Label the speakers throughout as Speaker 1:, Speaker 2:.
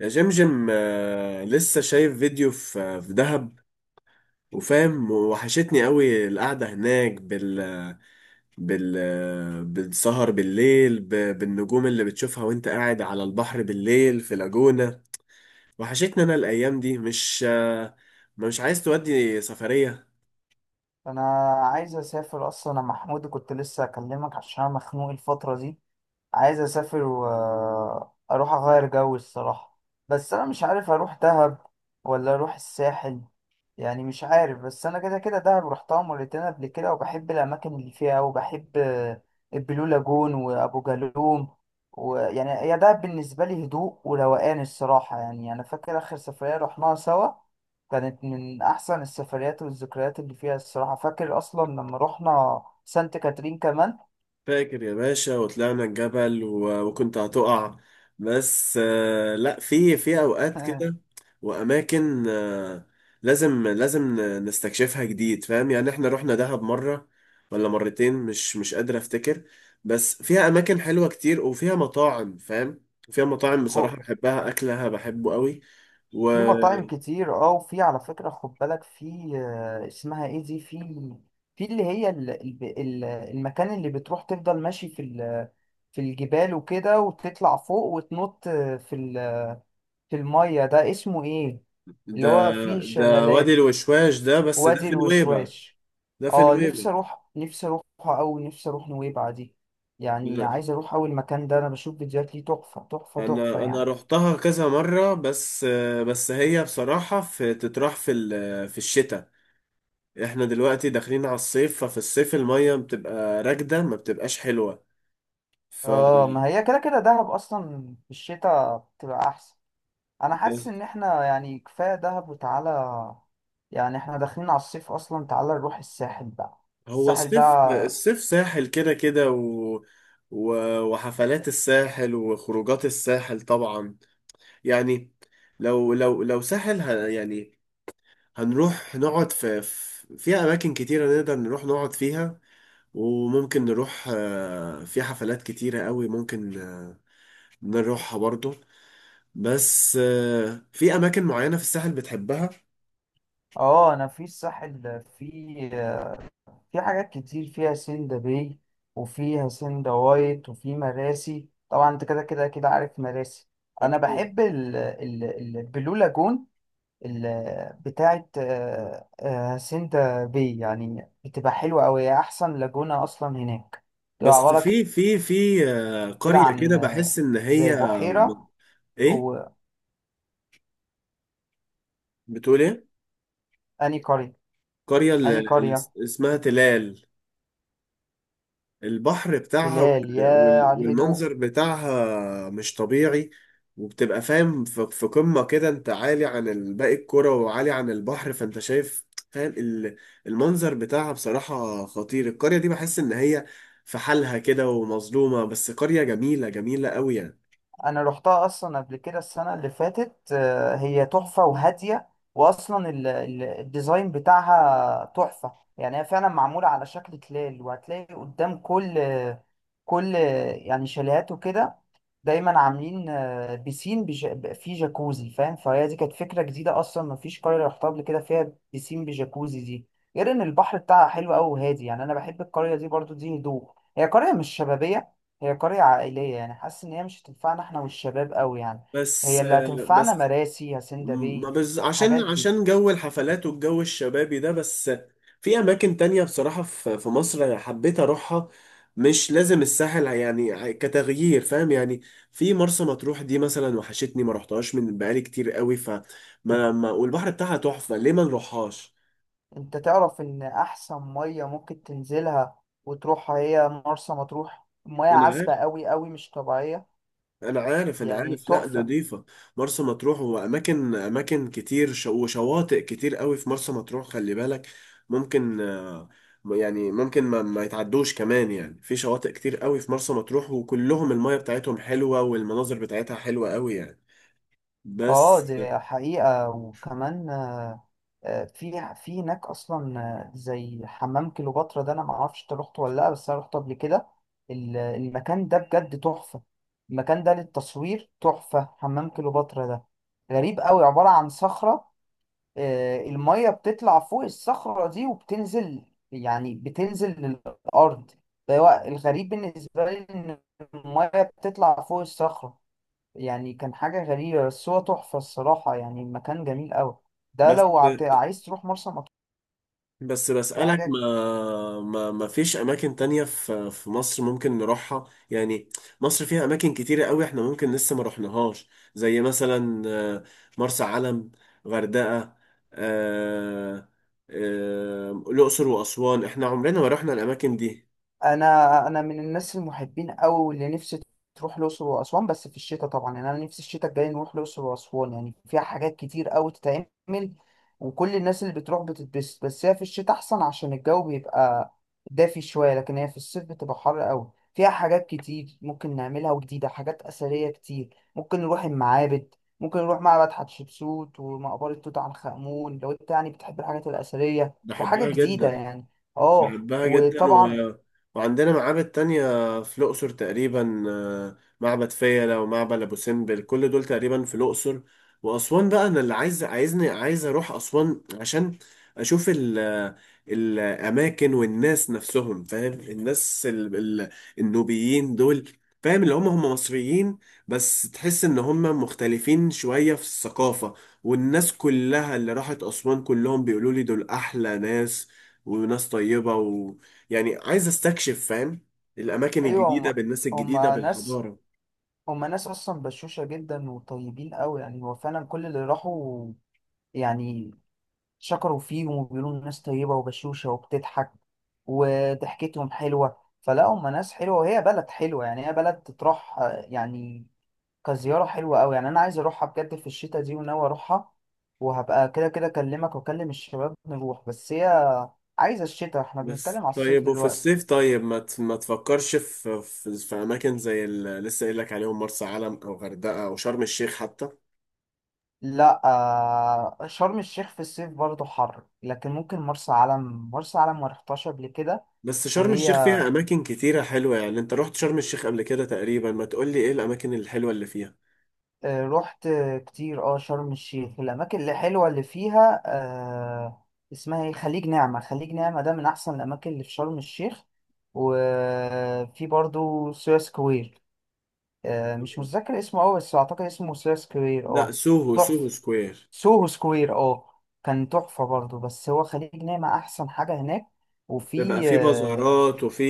Speaker 1: يا جمجم لسه شايف فيديو في دهب وفاهم، وحشتني قوي القعدة هناك بال بالسهر بالليل، بالنجوم اللي بتشوفها وانت قاعد على البحر بالليل في لاجونا. وحشتني انا الايام دي. مش عايز تودي سفرية؟
Speaker 2: انا عايز اسافر اصلا، انا محمود كنت لسه اكلمك عشان انا مخنوق الفتره دي. عايز اسافر واروح اغير جو الصراحة. بس انا مش عارف اروح دهب ولا اروح الساحل، يعني مش عارف. بس انا كده كده دهب رحتها مرتين قبل كده، وبحب الاماكن اللي فيها وبحب البلو لاجون وابو جالوم. ويعني هي دهب بالنسبة لي هدوء وروقان الصراحة. يعني انا فاكر اخر سفرية رحناها سوا كانت من احسن السفريات والذكريات اللي فيها الصراحة. فاكر اصلا لما رحنا سانت كاترين كمان.
Speaker 1: فاكر يا باشا وطلعنا الجبل وكنت هتقع. بس لا، في في اوقات كده واماكن لازم نستكشفها جديد، فاهم يعني؟ احنا رحنا دهب مرة ولا مرتين، مش قادر افتكر. بس فيها اماكن حلوة كتير وفيها مطاعم، فاهم؟ فيها مطاعم بصراحة بحبها، اكلها بحبه قوي.
Speaker 2: في مطاعم كتير اه، وفي على فكرة خد بالك، في اسمها ايه دي، في اللي هي المكان اللي بتروح تفضل ماشي في في الجبال وكده، وتطلع فوق وتنط في في المية ده اسمه ايه؟ اللي
Speaker 1: وده
Speaker 2: هو فيه
Speaker 1: ده وادي
Speaker 2: شلالات،
Speaker 1: الوشواش، ده بس ده
Speaker 2: وادي
Speaker 1: في نويبع.
Speaker 2: الوشواش.
Speaker 1: ده في
Speaker 2: اه، نفسي
Speaker 1: نويبع.
Speaker 2: اروح، نفسي اروح او نفسي اروح نويبع دي. يعني عايز اروح اول مكان ده، انا بشوف فيديوهات ليه تحفة تحفة تحفة
Speaker 1: انا
Speaker 2: يعني.
Speaker 1: رحتها كذا مره، بس بس هي بصراحه في تتراح في الشتاء. احنا دلوقتي داخلين على الصيف، ففي الصيف الميه بتبقى راكده ما بتبقاش حلوه. ف
Speaker 2: اه، ما هي كده كده دهب اصلا في الشتاء بتبقى احسن. انا حاسس ان احنا يعني كفايه دهب وتعالى، يعني احنا داخلين على الصيف اصلا، تعالى نروح الساحل بقى.
Speaker 1: هو
Speaker 2: الساحل
Speaker 1: الصيف
Speaker 2: بقى.
Speaker 1: الصيف ساحل كده كده و... وحفلات الساحل وخروجات الساحل طبعا. يعني لو ساحل يعني هنروح نقعد في في اماكن كتيره نقدر نروح نقعد فيها، وممكن نروح في حفلات كتيرة قوي، ممكن نروحها برضو. بس في أماكن معينة في الساحل بتحبها؟
Speaker 2: اه، انا في الساحل في حاجات كتير فيها سندا باي، وفيها سندا وايت، وفي مراسي طبعا. انت كده كده كده عارف مراسي. انا
Speaker 1: أكيد.
Speaker 2: بحب البلو لاجون، بتاعت سندا باي، يعني بتبقى حلوه قوي. احسن لاجونه اصلا هناك، بتبقى
Speaker 1: بس
Speaker 2: عباره
Speaker 1: في
Speaker 2: كده
Speaker 1: قرية كده
Speaker 2: عن
Speaker 1: بحس إن
Speaker 2: زي
Speaker 1: هي
Speaker 2: بحيرة.
Speaker 1: إيه،
Speaker 2: وأني
Speaker 1: بتقول إيه؟
Speaker 2: قرية
Speaker 1: قرية، اللي
Speaker 2: أني
Speaker 1: اللي
Speaker 2: قرية
Speaker 1: اسمها تلال. البحر بتاعها
Speaker 2: تلال، يا على الهدوء.
Speaker 1: والمنظر بتاعها مش طبيعي. وبتبقى، فاهم، في في قمة كده، انت عالي عن باقي الكرة وعالي عن البحر، فانت شايف، فاهم، المنظر بتاعها بصراحة خطير. القرية دي بحس ان هي في حالها كده ومظلومة، بس قرية جميلة، جميلة قوي يعني.
Speaker 2: أنا روحتها أصلا قبل كده السنة اللي فاتت. هي تحفة وهادية، وأصلا الديزاين بتاعها تحفة. يعني هي فعلا معمولة على شكل تلال، وهتلاقي قدام كل يعني شاليهات وكده، دايما عاملين بيسين فيه جاكوزي فاهم. فهي دي كانت فكرة جديدة أصلا، مفيش قرية رحتها قبل كده فيها بيسين بجاكوزي دي. غير إن البحر بتاعها حلو أوي وهادي. يعني أنا بحب القرية دي برضو، دي هدوء. هي قرية مش شبابية، هي قرية عائلية. يعني حاسس إن هي مش هتنفعنا إحنا والشباب أوي يعني. هي
Speaker 1: بس،
Speaker 2: اللي هتنفعنا
Speaker 1: بس
Speaker 2: مراسي هاسيندا
Speaker 1: ما
Speaker 2: باي.
Speaker 1: بز...
Speaker 2: الحاجات
Speaker 1: عشان،
Speaker 2: دي،
Speaker 1: عشان جو الحفلات والجو الشبابي ده بس. في اماكن تانية بصراحة في في مصر أنا حبيت اروحها، مش لازم الساحل يعني، كتغيير، فاهم يعني. في مرسى مطروح دي مثلا، وحشتني، ما رحتهاش من بقالي كتير قوي. ف ما ما والبحر بتاعها تحفة، ليه ما نروحهاش؟
Speaker 2: أنت تعرف إن أحسن مية ممكن تنزلها وتروحها هي مرسى مطروح؟ مياه
Speaker 1: انا
Speaker 2: عذبة
Speaker 1: عارف،
Speaker 2: أوي أوي مش طبيعية،
Speaker 1: انا عارف، انا
Speaker 2: يعني
Speaker 1: عارف، لا
Speaker 2: تحفة.
Speaker 1: نضيفه. مرسى مطروح، واماكن، اماكن كتير، وشواطئ كتير قوي في مرسى مطروح، خلي بالك. ممكن يعني ممكن ما يتعدوش كمان يعني، في شواطئ كتير قوي في مرسى مطروح وكلهم المية بتاعتهم حلوة والمناظر بتاعتها حلوة قوي يعني.
Speaker 2: اه،
Speaker 1: بس،
Speaker 2: دي حقيقة. وكمان في هناك اصلا، زي حمام كليوباترا ده، انا ما اعرفش انت رحت ولا لا، بس انا رحت قبل كده. المكان ده بجد تحفة. المكان ده للتصوير تحفة. حمام كليوباترا ده غريب قوي، عبارة عن صخرة. المية بتطلع فوق الصخرة دي وبتنزل، يعني بتنزل للأرض. فهو الغريب بالنسبة لي إن المية بتطلع فوق الصخرة، يعني كان حاجة غريبة. بس هو تحفة الصراحة، يعني المكان جميل أوي. ده
Speaker 1: بس
Speaker 2: لو عايز تروح مرسى مطروح.
Speaker 1: بس
Speaker 2: دي
Speaker 1: بسألك،
Speaker 2: حاجة.
Speaker 1: ما فيش أماكن تانية في في مصر ممكن نروحها يعني؟ مصر فيها أماكن كتيرة قوي احنا ممكن لسه ما رحناهاش. زي مثلا مرسى علم، غردقة، آه، الأقصر وأسوان، احنا عمرنا ما رحنا الأماكن دي.
Speaker 2: انا من الناس المحبين قوي اللي نفسي تروح الاقصر واسوان، بس في الشتاء طبعا. يعني انا نفسي الشتاء الجاي نروح الاقصر واسوان، يعني فيها حاجات كتير قوي تتعمل، وكل الناس اللي بتروح بتتبسط. بس هي في الشتاء احسن عشان الجو بيبقى دافي شويه، لكن هي في الصيف بتبقى حر قوي. فيها حاجات كتير ممكن نعملها، وجديده حاجات اثريه كتير، ممكن نروح المعابد، ممكن نروح معبد حتشبسوت ومقبره توت عنخ امون، لو انت يعني بتحب الحاجات الاثريه وحاجه
Speaker 1: بحبها
Speaker 2: جديده
Speaker 1: جدا،
Speaker 2: يعني. اه
Speaker 1: بحبها جدا
Speaker 2: وطبعا.
Speaker 1: وعندنا معابد تانية في الأقصر تقريبا، معبد فيلة ومعبد أبو سمبل، كل دول تقريبا في الأقصر وأسوان بقى. أنا اللي عايز، عايز أروح أسوان عشان أشوف الأماكن والناس نفسهم، فاهم، الناس ال... النوبيين دول، فاهم، اللي هم مصريين بس تحس إن هم مختلفين شوية في الثقافة. والناس كلها اللي راحت أسوان كلهم بيقولوا لي دول أحلى ناس، وناس طيبة، ويعني عايز استكشف، فاهم، الأماكن
Speaker 2: ايوه،
Speaker 1: الجديدة بالناس
Speaker 2: هم
Speaker 1: الجديدة
Speaker 2: ناس
Speaker 1: بالحضارة.
Speaker 2: هم ناس اصلا بشوشه جدا وطيبين قوي. يعني هو فعلا كل اللي راحوا يعني شكروا فيهم وبيقولوا ناس طيبه وبشوشه وبتضحك، وضحكتهم حلوه. فلا هم ناس حلوه وهي بلد حلوه، يعني هي بلد تروح يعني كزياره حلوه قوي يعني. انا عايز اروحها بجد في الشتاء دي، وناوي اروحها. وهبقى كده كده اكلمك واكلم الشباب نروح. بس هي عايزه الشتاء، احنا بنتكلم
Speaker 1: بس
Speaker 2: على الصيف
Speaker 1: طيب وفي
Speaker 2: دلوقتي.
Speaker 1: الصيف، طيب ما تفكرش في أماكن زي اللي لسه قايل لك عليهم، مرسى علم أو غردقة أو شرم الشيخ حتى؟
Speaker 2: لا شرم الشيخ في الصيف برضه حر، لكن ممكن مرسى علم، مرسى علم ما رحتهاش قبل كده.
Speaker 1: بس شرم
Speaker 2: وهي
Speaker 1: الشيخ فيها أماكن كتيرة حلوة يعني، أنت رحت شرم الشيخ قبل كده تقريبا، ما تقولي إيه الأماكن الحلوة اللي فيها؟
Speaker 2: رحت كتير اه شرم الشيخ. الأماكن اللي حلوة اللي فيها آه، اسمها ايه، خليج نعمة. خليج نعمة ده من أحسن الأماكن اللي في شرم الشيخ. وفي برضه سوهاج سكوير، مش متذكر اسمه أوي بس أعتقد اسمه سوهاج سكوير
Speaker 1: لا،
Speaker 2: اه.
Speaker 1: سوهو، سوهو
Speaker 2: تحفة.
Speaker 1: سكوير.
Speaker 2: سوهو سكوير اه، كان تحفة برضه. بس هو خليج نعمة أحسن حاجة هناك.
Speaker 1: بيبقى
Speaker 2: وفي
Speaker 1: فيه بازارات، وفي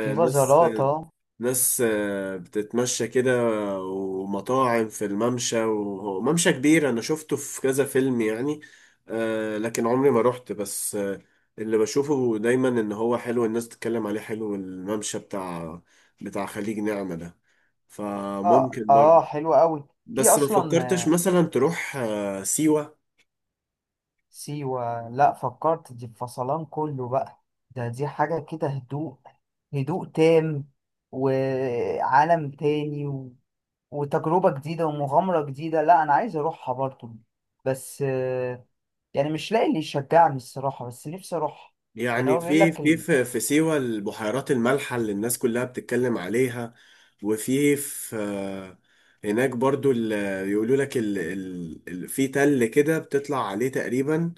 Speaker 2: في
Speaker 1: ناس،
Speaker 2: بازاراتا.
Speaker 1: ناس بتتمشى كده، ومطاعم في الممشى، وممشى كبير انا شفته في كذا فيلم يعني. لكن عمري ما روحت، بس اللي بشوفه دايما ان هو حلو، الناس تتكلم عليه حلو، الممشى بتاع خليج نعمة ده.
Speaker 2: اه
Speaker 1: فممكن
Speaker 2: اه،
Speaker 1: برضه.
Speaker 2: حلوة أوي. في
Speaker 1: بس ما
Speaker 2: أصلا
Speaker 1: فكرتش مثلا تروح سيوة؟
Speaker 2: سيوة. لأ، فكرت دي فصلان كله بقى. ده دي حاجة كده هدوء، هدوء تام، وعالم تاني، و... وتجربة جديدة ومغامرة جديدة. لأ أنا عايز أروحها برضه، بس يعني مش لاقي اللي يشجعني الصراحة، بس نفسي أروحها. يعني
Speaker 1: يعني
Speaker 2: هو بيقول
Speaker 1: في
Speaker 2: لك.
Speaker 1: في في في سيوة البحيرات المالحة اللي الناس كلها بتتكلم عليها. وفي في هناك برضو يقولوا لك في تل كده بتطلع عليه تقريبا،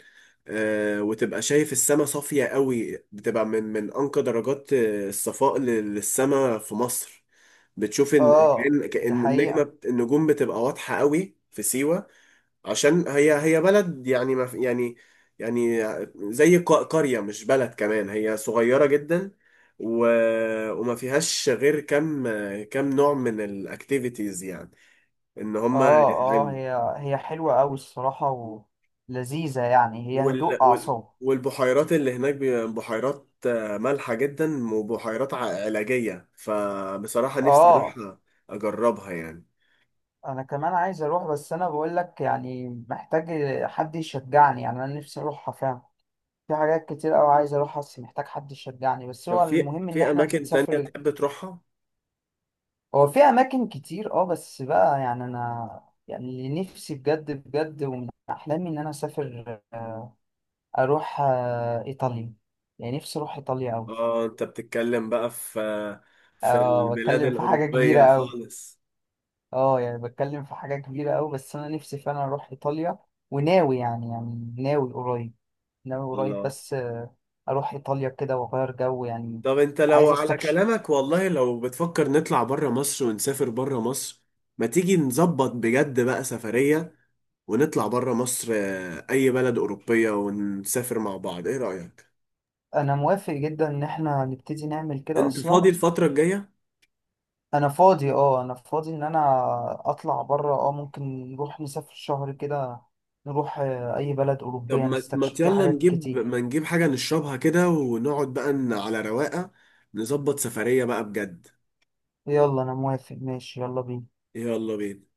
Speaker 1: وتبقى شايف السما صافية قوي، بتبقى من من أنقى درجات الصفاء للسما في مصر. بتشوف إن
Speaker 2: اه
Speaker 1: كأن،
Speaker 2: دي
Speaker 1: كأن
Speaker 2: حقيقة.
Speaker 1: النجوم بتبقى واضحة قوي في سيوة. عشان هي، هي بلد يعني ما في- يعني، يعني زي قرية، مش بلد كمان، هي صغيرة جدا و... وما فيهاش غير كم، كم نوع من الاكتيفيتيز يعني ان هم
Speaker 2: اه اه،
Speaker 1: يتعملوا.
Speaker 2: هي حلوة أوي الصراحة، ولذيذة، يعني هي
Speaker 1: وال...
Speaker 2: هدوء
Speaker 1: وال...
Speaker 2: أعصاب.
Speaker 1: والبحيرات اللي هناك بحيرات مالحة جدا، وبحيرات علاجية، فبصراحة نفسي
Speaker 2: اه
Speaker 1: اروح اجربها يعني.
Speaker 2: أنا كمان عايز أروح، بس أنا بقولك يعني محتاج حد يشجعني. يعني أنا نفسي أروحها فعلا. في حاجات كتير أوي عايز أروحها، بس محتاج حد يشجعني. بس
Speaker 1: طب
Speaker 2: هو
Speaker 1: في
Speaker 2: المهم إن
Speaker 1: في
Speaker 2: إحنا
Speaker 1: اماكن تانية
Speaker 2: نسافر.
Speaker 1: تحب تروحها؟
Speaker 2: هو في أماكن كتير اه، بس بقى يعني أنا، يعني اللي نفسي بجد بجد ومن أحلامي إن أنا أسافر، أروح إيطاليا. يعني نفسي أروح إيطاليا أوي.
Speaker 1: اه انت بتتكلم بقى في في
Speaker 2: اه
Speaker 1: البلاد
Speaker 2: بتكلم في حاجة كبيرة
Speaker 1: الأوروبية
Speaker 2: أوي،
Speaker 1: خالص؟
Speaker 2: اه يعني بتكلم في حاجة كبيرة أوي، بس أنا نفسي فعلا أروح إيطاليا. وناوي يعني، ناوي قريب. ناوي قريب،
Speaker 1: الله.
Speaker 2: بس أروح إيطاليا كده وأغير جو يعني.
Speaker 1: طب انت لو
Speaker 2: عايز
Speaker 1: على
Speaker 2: أستكشف.
Speaker 1: كلامك والله، لو بتفكر نطلع بره مصر ونسافر بره مصر، ما تيجي نظبط بجد بقى سفرية ونطلع بره مصر، أي بلد أوروبية، ونسافر مع بعض، ايه رأيك؟
Speaker 2: أنا موافق جدا إن إحنا نبتدي نعمل كده
Speaker 1: انت
Speaker 2: أصلا.
Speaker 1: فاضي الفترة الجاية؟
Speaker 2: أنا فاضي اه، أنا فاضي إن أنا أطلع بره اه. ممكن نروح نسافر شهر كده، نروح أي بلد
Speaker 1: طب
Speaker 2: أوروبية
Speaker 1: ما ما
Speaker 2: نستكشف فيه
Speaker 1: يلا
Speaker 2: حاجات
Speaker 1: نجيب،
Speaker 2: كتير.
Speaker 1: ما نجيب حاجة نشربها كده ونقعد بقى على رواقة، نظبط سفرية بقى بجد.
Speaker 2: يلا أنا موافق ماشي، يلا بينا.
Speaker 1: يلا بينا.